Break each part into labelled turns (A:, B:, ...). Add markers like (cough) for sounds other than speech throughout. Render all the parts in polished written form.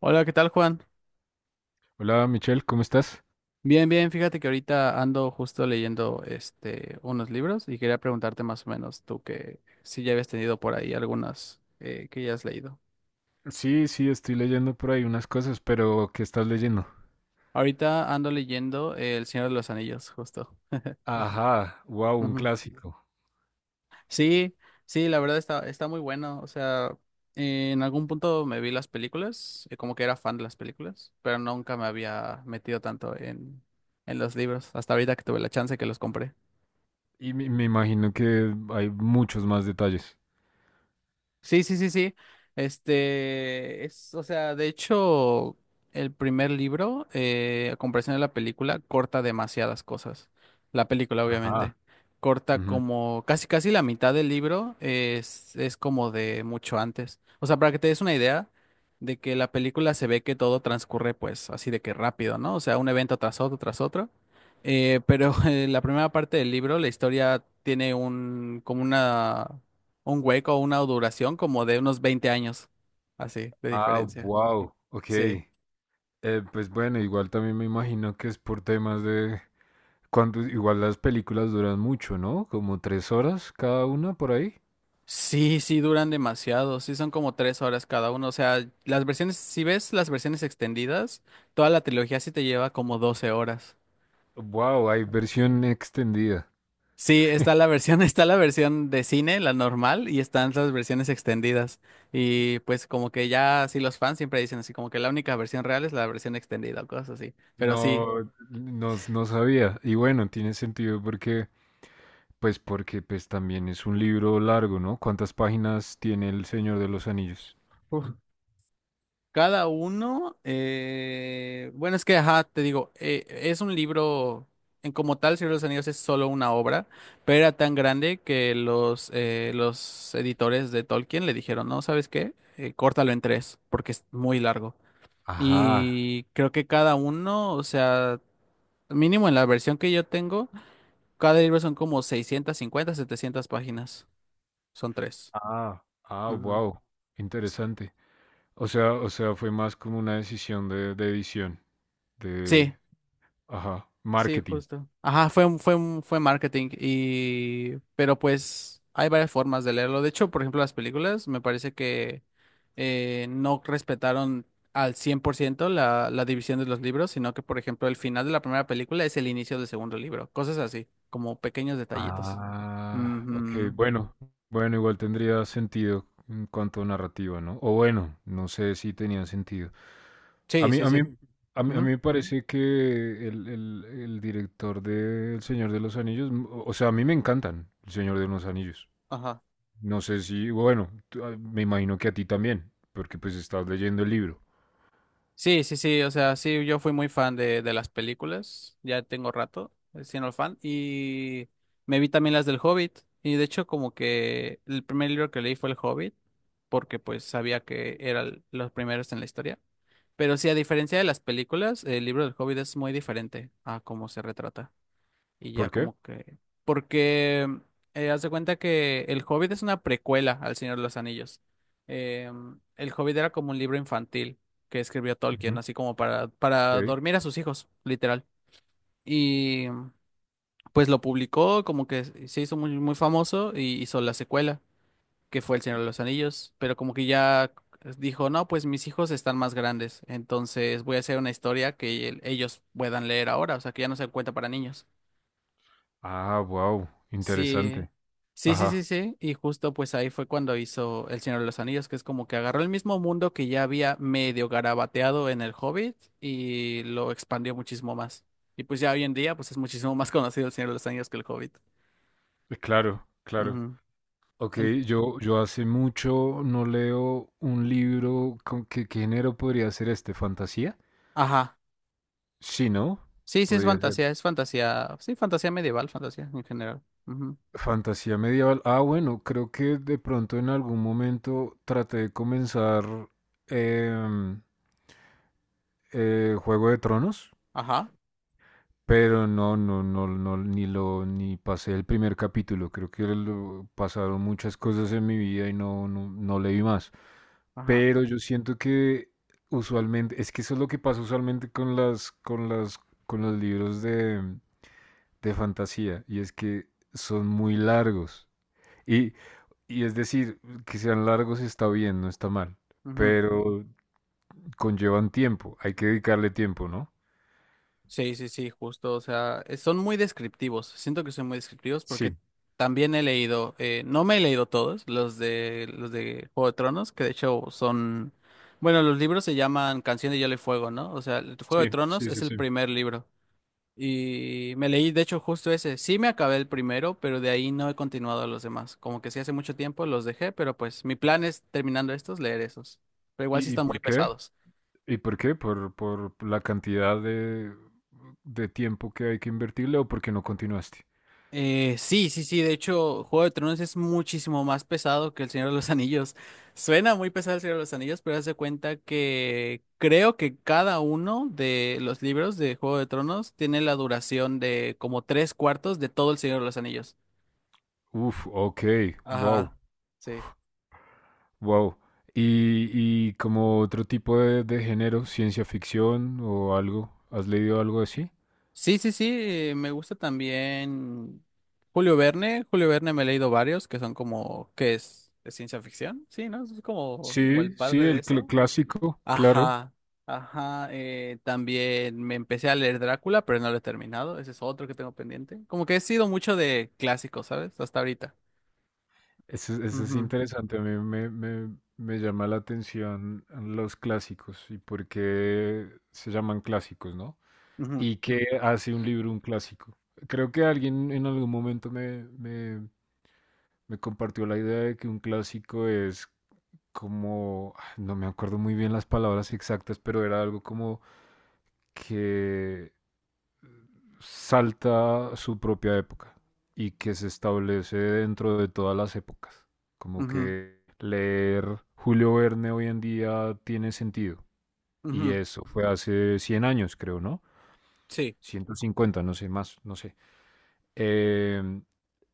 A: Hola, ¿qué tal, Juan?
B: Hola Michelle, ¿cómo estás?
A: Bien, bien, fíjate que ahorita ando justo leyendo unos libros y quería preguntarte más o menos tú que si ya habías tenido por ahí algunas que ya has leído.
B: Sí, sí, estoy leyendo por ahí unas cosas, pero ¿qué estás leyendo?
A: Ahorita ando leyendo El Señor de los Anillos, justo.
B: Ajá, wow, un
A: Ujú.
B: clásico.
A: Sí, sí, la verdad está muy bueno. O sea, en algún punto me vi las películas, como que era fan de las películas, pero nunca me había metido tanto en los libros, hasta ahorita que tuve la chance que los compré.
B: Y me imagino que hay muchos más detalles.
A: Sí, sí, sí, sí. Este es, o sea, de hecho, el primer libro, a comparación de la película, corta demasiadas cosas. La película, obviamente.
B: Ajá.
A: Corta
B: Ujú.
A: como casi casi la mitad del libro es como de mucho antes. O sea, para que te des una idea de que la película se ve que todo transcurre pues así de que rápido, ¿no? O sea, un evento tras otro, tras otro. Pero (laughs) en la primera parte del libro, la historia tiene como una un hueco, una duración como de unos 20 años, así, de
B: Ah,
A: diferencia.
B: wow, ok.
A: Sí.
B: Pues bueno, igual también me imagino que es por temas de... Igual las películas duran mucho, ¿no? Como tres horas cada una por ahí.
A: Sí, sí, duran demasiado, sí son como 3 horas cada uno, o sea, las versiones, si ves las versiones extendidas, toda la trilogía sí te lleva como 12 horas.
B: Wow, hay versión extendida.
A: Sí, está la versión, (laughs) está la versión de cine, la normal, y están las versiones extendidas. Y pues como que ya, sí, los fans siempre dicen así, como que la única versión real es la versión extendida o cosas así. Pero sí,
B: No, no, no sabía. Y bueno, tiene sentido porque pues también es un libro largo, ¿no? ¿Cuántas páginas tiene El Señor de los Anillos?
A: uf, cada uno, bueno, es que, ajá, te digo, es un libro, en como tal, Señor de los Anillos es solo una obra, pero era tan grande que los editores de Tolkien le dijeron, no, ¿sabes qué? Córtalo en tres, porque es muy largo.
B: Ajá,
A: Y creo que cada uno, o sea, mínimo en la versión que yo tengo, cada libro son como 650 700 páginas, son tres.
B: ah, ah,
A: Ujú.
B: wow, interesante. O sea, fue más como una decisión de edición,
A: Sí,
B: de, ajá,
A: sí,
B: marketing.
A: justo. Ajá, fue marketing y... Pero pues hay varias formas de leerlo. De hecho, por ejemplo, las películas me parece que no respetaron al 100% la división de los libros, sino que, por ejemplo, el final de la primera película es el inicio del segundo libro. Cosas así, como pequeños detallitos.
B: Ah, ok,
A: Ujú.
B: bueno, bueno, igual tendría sentido en cuanto a narrativa, ¿no? O bueno, no sé si tenía sentido. A
A: Sí,
B: mí,
A: sí,
B: a mí,
A: sí.
B: a mí, a
A: Ujú.
B: mí me parece que el director de El Señor de los Anillos, o sea, a mí me encantan El Señor de los Anillos.
A: Ajá.
B: No sé si, bueno, ah, me imagino que a ti también, porque pues estás leyendo el libro.
A: Sí, sí, sí, o sea, sí, yo fui muy fan de las películas, ya tengo rato siendo fan, y me vi también las del Hobbit, y de hecho como que el primer libro que leí fue El Hobbit, porque pues sabía que eran los primeros en la historia, pero sí, a diferencia de las películas, el libro del Hobbit es muy diferente a cómo se retrata. Y ya
B: ¿Por qué?
A: como que... Porque haz de cuenta que El Hobbit es una precuela al Señor de los Anillos. Eh, El Hobbit era como un libro infantil que escribió Tolkien,
B: Ujú.
A: así como para
B: Ok.
A: dormir a sus hijos, literal. Y pues lo publicó, como que se hizo muy, muy famoso y hizo la secuela, que fue El Señor de los Anillos. Pero como que ya dijo, no, pues mis hijos están más grandes, entonces voy a hacer una historia que ellos puedan leer ahora, o sea, que ya no se cuenta para niños.
B: Ah, wow,
A: Sí,
B: interesante.
A: sí, sí,
B: Ajá,
A: sí, sí. Y justo pues ahí fue cuando hizo El Señor de los Anillos, que es como que agarró el mismo mundo que ya había medio garabateado en El Hobbit y lo expandió muchísimo más. Y pues ya hoy en día pues es muchísimo más (laughs) conocido El Señor de los Anillos que El Hobbit.
B: claro, claro.
A: Ujú.
B: Ok,
A: En-
B: yo hace mucho no leo un libro con qué género podría ser este, ¿fantasía?
A: Ajá.
B: Sí, ¿no?
A: Sí, sí, es
B: Podría ser.
A: fantasía, es fantasía. Sí, fantasía medieval, fantasía en general. Ujú.
B: Fantasía medieval. Ah, bueno, creo que de pronto en algún momento traté de comenzar em, Juego de Tronos,
A: Ajá,
B: pero no, no, no, no, ni pasé el primer capítulo. Creo que pasaron muchas cosas en mi vida y no, no, no leí más.
A: ajá.
B: Pero yo siento que usualmente, es que eso es lo que pasa usualmente con con los libros de fantasía, y es que son muy largos. Y Y es decir, que sean largos está bien, no está mal,
A: Ujú.
B: pero conllevan tiempo, hay que dedicarle tiempo, ¿no?
A: Sí, sí, sí, justo. O sea, son muy descriptivos. Siento que son muy descriptivos porque
B: Sí,
A: también he leído, no me he leído todos, los de Juego de Tronos, que de hecho son, bueno, los libros se llaman Canción de Hielo y Fuego, ¿no? O sea, el Juego
B: sí,
A: de Tronos
B: sí,
A: es
B: sí,
A: el
B: sí.
A: primer libro. Y me leí, de hecho, justo ese. Sí me acabé el primero, pero de ahí no he continuado los demás. Como que sí hace mucho tiempo los dejé, pero pues mi plan es terminando estos, leer esos. Pero igual sí
B: ¿Y
A: están muy
B: por qué?
A: pesados.
B: ¿Y por qué? ¿Por la cantidad de tiempo que hay que invertirle o porque no continuaste?
A: Sí, sí, sí. De hecho, Juego de Tronos es muchísimo más pesado que El Señor de los Anillos. (laughs) Suena muy pesado El Señor de los Anillos, pero haz de cuenta que creo que cada uno de los libros de Juego de Tronos tiene la duración de como tres cuartos de todo El Señor de los Anillos.
B: Uf, ok, wow,
A: Ajá. Sí.
B: wow. ¿Y, y como otro tipo de género, ciencia ficción o algo? ¿Has leído algo así?
A: Sí, sí, sí. Me gusta también Julio Verne. Julio Verne me he leído varios que son como, ¿qué es? ¿Es ciencia ficción? Sí, ¿no? Es como el
B: Sí,
A: padre
B: sí,
A: de
B: el
A: eso.
B: clásico, claro.
A: Ajá, ajá. También me empecé a leer Drácula, pero no lo he terminado. Ese es otro que tengo pendiente. Como que he sido mucho de clásicos, ¿sabes? Hasta ahorita.
B: Eso es interesante, a mí me llama la atención los clásicos y por qué se llaman clásicos, ¿no?
A: Ujú, ujú,
B: ¿Y qué hace un libro un clásico? Creo que alguien en algún momento me compartió la idea de que un clásico es como, ah, no me acuerdo muy bien las palabras exactas, pero era algo como que salta su propia época y que se establece dentro de todas las épocas. Como
A: ujú,
B: que leer Julio Verne hoy en día tiene sentido. Y
A: ujú.
B: eso fue hace 100 años, creo, ¿no?
A: Sí.
B: 150, no sé más, no sé. Eh,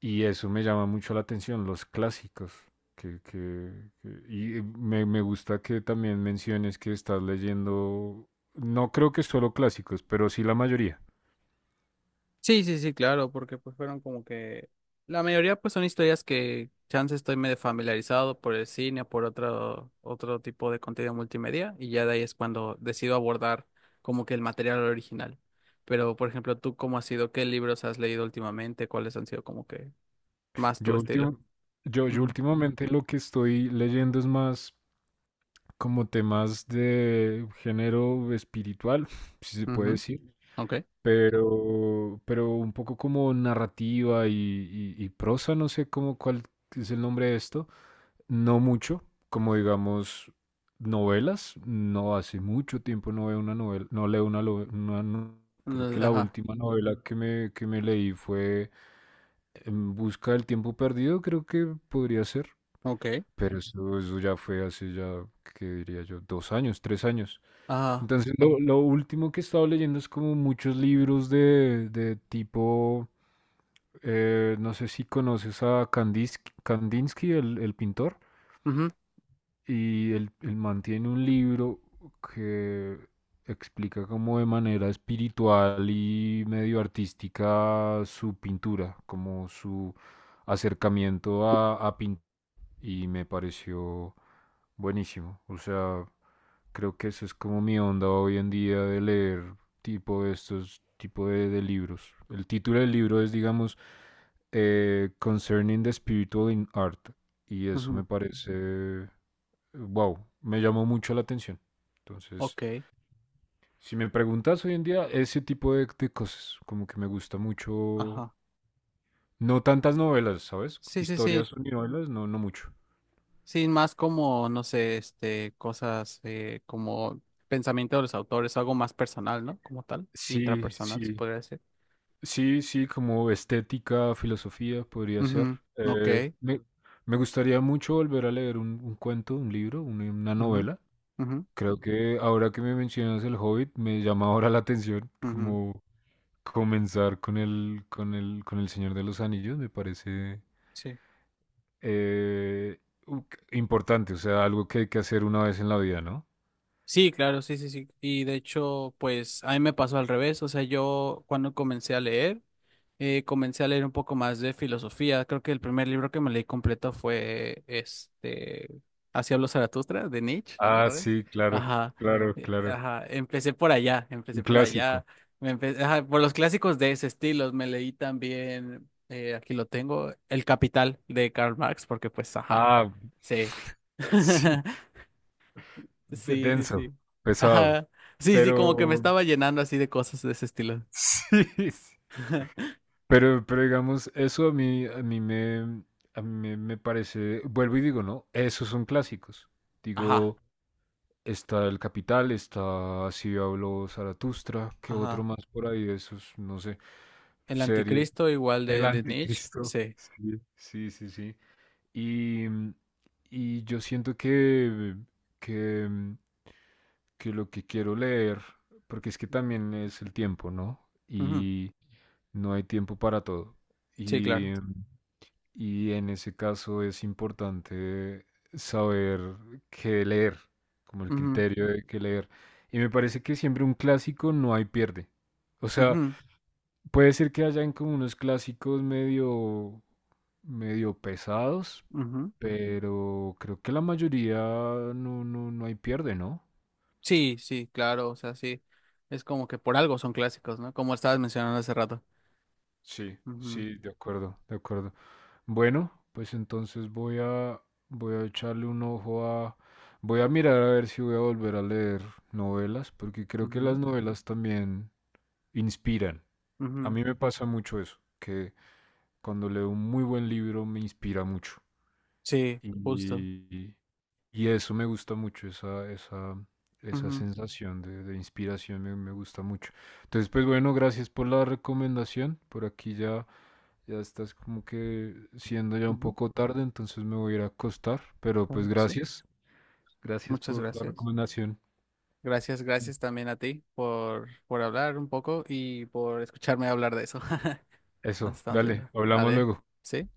B: y eso me llama mucho la atención, los clásicos. Que, que- y me gusta que también menciones que estás leyendo, no creo que solo clásicos, pero sí la mayoría.
A: Sí, sí, sí, claro, porque pues fueron como que... La mayoría pues son historias que chance estoy medio familiarizado por el cine o por otro tipo de contenido multimedia y ya de ahí es cuando decido abordar como que el material original. Pero, por ejemplo, ¿tú cómo has sido? ¿Qué libros has leído últimamente? ¿Cuáles han sido como que más tu
B: Yo,
A: estilo?
B: últim- yo
A: Ujú,
B: últimamente lo que estoy leyendo es más como temas de género espiritual, (laughs) si se puede
A: ujú,
B: decir,
A: ok,
B: pero un poco como narrativa y, y prosa, no sé cómo cuál es el nombre de esto, no mucho, como digamos novelas, no hace mucho tiempo no veo una novela, no leo una, creo que
A: mm,
B: la
A: ajá,
B: última novela que me leí fue En Busca del Tiempo Perdido, creo que podría ser.
A: ok,
B: Pero eso ya fue hace ya, ¿qué diría yo? 2 años, 3 años.
A: ajá,
B: Entonces, lo último que he estado leyendo es como muchos libros de tipo, no sé si conoces a Kandinsky, Kandinsky el pintor,
A: ujú,
B: y él mantiene un libro que explica como de manera espiritual y medio artística su pintura, como su acercamiento a pintar y me pareció buenísimo. O sea, creo que esa es como mi onda hoy en día de leer tipo de estos tipo de libros. El título del libro es, digamos, Concerning the Spiritual in Art. Y eso me
A: ujú,
B: parece, wow, me llamó mucho la atención. Entonces,
A: ok,
B: si me preguntas hoy en día, ese tipo de cosas, como que me gusta mucho,
A: ajá.
B: no tantas novelas, ¿sabes?
A: Sí, sí, sí,
B: Historias y novelas, no, no mucho.
A: sí, más como, no sé, cosas como pensamiento de los autores, algo más personal, ¿no? Como tal,
B: Sí,
A: intrapersonal, se
B: sí,
A: podría decir.
B: sí, sí, como estética, filosofía podría ser.
A: Ujú, ok,
B: Eh, me, me gustaría mucho volver a leer un cuento, un libro, una
A: ujú,
B: novela.
A: ujú,
B: Creo que ahora que me mencionas El Hobbit, me llama ahora la atención
A: ujú,
B: como comenzar con el Señor de los Anillos, me parece
A: sí.
B: eh, u- importante, o sea, algo que hay que hacer una vez en la vida, ¿no?
A: Sí, claro, sí, sí, sí. Y de hecho, pues a mí me pasó al revés. O sea, yo cuando comencé a leer un poco más de filosofía. Creo que el primer libro que me leí completo fue Así habló Zaratustra de Nietzsche,
B: Ah,
A: ¿sabes?
B: sí, claro,
A: Ajá,
B: claro, claro.
A: ajá,
B: Un
A: empecé por allá,
B: clásico.
A: ajá, por los clásicos de ese estilo. Me leí también, aquí lo tengo, El Capital de Karl Marx, porque pues, ajá,
B: Ah, (laughs)
A: sí.
B: sí.
A: (laughs)
B: De-
A: Sí, sí,
B: denso,
A: sí.
B: pesado,
A: Ajá. Sí, sí, como que me
B: pero
A: estaba llenando así de cosas de ese estilo.
B: (laughs) sí, sí.
A: (laughs)
B: Pero digamos, eso a mí me, me parece, vuelvo y digo, ¿no? Esos son clásicos.
A: Ajá,
B: Digo, está El Capital, está Si habló Zaratustra, qué otro
A: ajá.
B: más por ahí de esos, no sé,
A: El
B: series.
A: Anticristo igual
B: El
A: de Nietzsche,
B: Anticristo. (laughs)
A: sí.
B: Sí, sí, sí, sí. Y, y yo siento que, que que lo que quiero leer, porque es que también es el tiempo, ¿no?
A: Ujú,
B: Y no hay tiempo para todo.
A: sí, claro.
B: Y, y en ese caso es importante saber qué leer, como el
A: Ujú,
B: criterio de qué leer. Y me parece que siempre un clásico no hay pierde. O sea,
A: ujú,
B: puede ser que hayan como unos clásicos medio, medio pesados,
A: ujú.
B: pero creo que la mayoría no, no, no hay pierde, ¿no?
A: Sí, sí, claro, o sea, sí. Es como que por algo son clásicos, ¿no? Como estabas mencionando hace rato.
B: Sí,
A: Ujú,
B: sí, de acuerdo, de acuerdo. Bueno, pues entonces voy a echarle un ojo a voy a mirar a ver si voy a volver a leer novelas, porque creo que las
A: ujú,
B: novelas también inspiran. A
A: ujú.
B: mí me pasa mucho eso, que cuando leo un muy buen libro me inspira mucho.
A: Sí, justo.
B: Y, y eso me gusta mucho, esa
A: Ujú,
B: sensación de inspiración me gusta mucho. Entonces, pues bueno, gracias por la recomendación. Por aquí ya estás como que siendo ya un
A: ujú,
B: poco tarde, entonces me voy a ir a acostar, pero pues
A: claro que sí.
B: gracias. Gracias
A: Muchas
B: por la
A: gracias.
B: recomendación.
A: Gracias, gracias también a ti por hablar un poco y por escucharme hablar de eso. (laughs) Nos
B: Eso,
A: estamos
B: dale,
A: viendo.
B: hablamos
A: ¿Vale?
B: luego.
A: ¿Sí?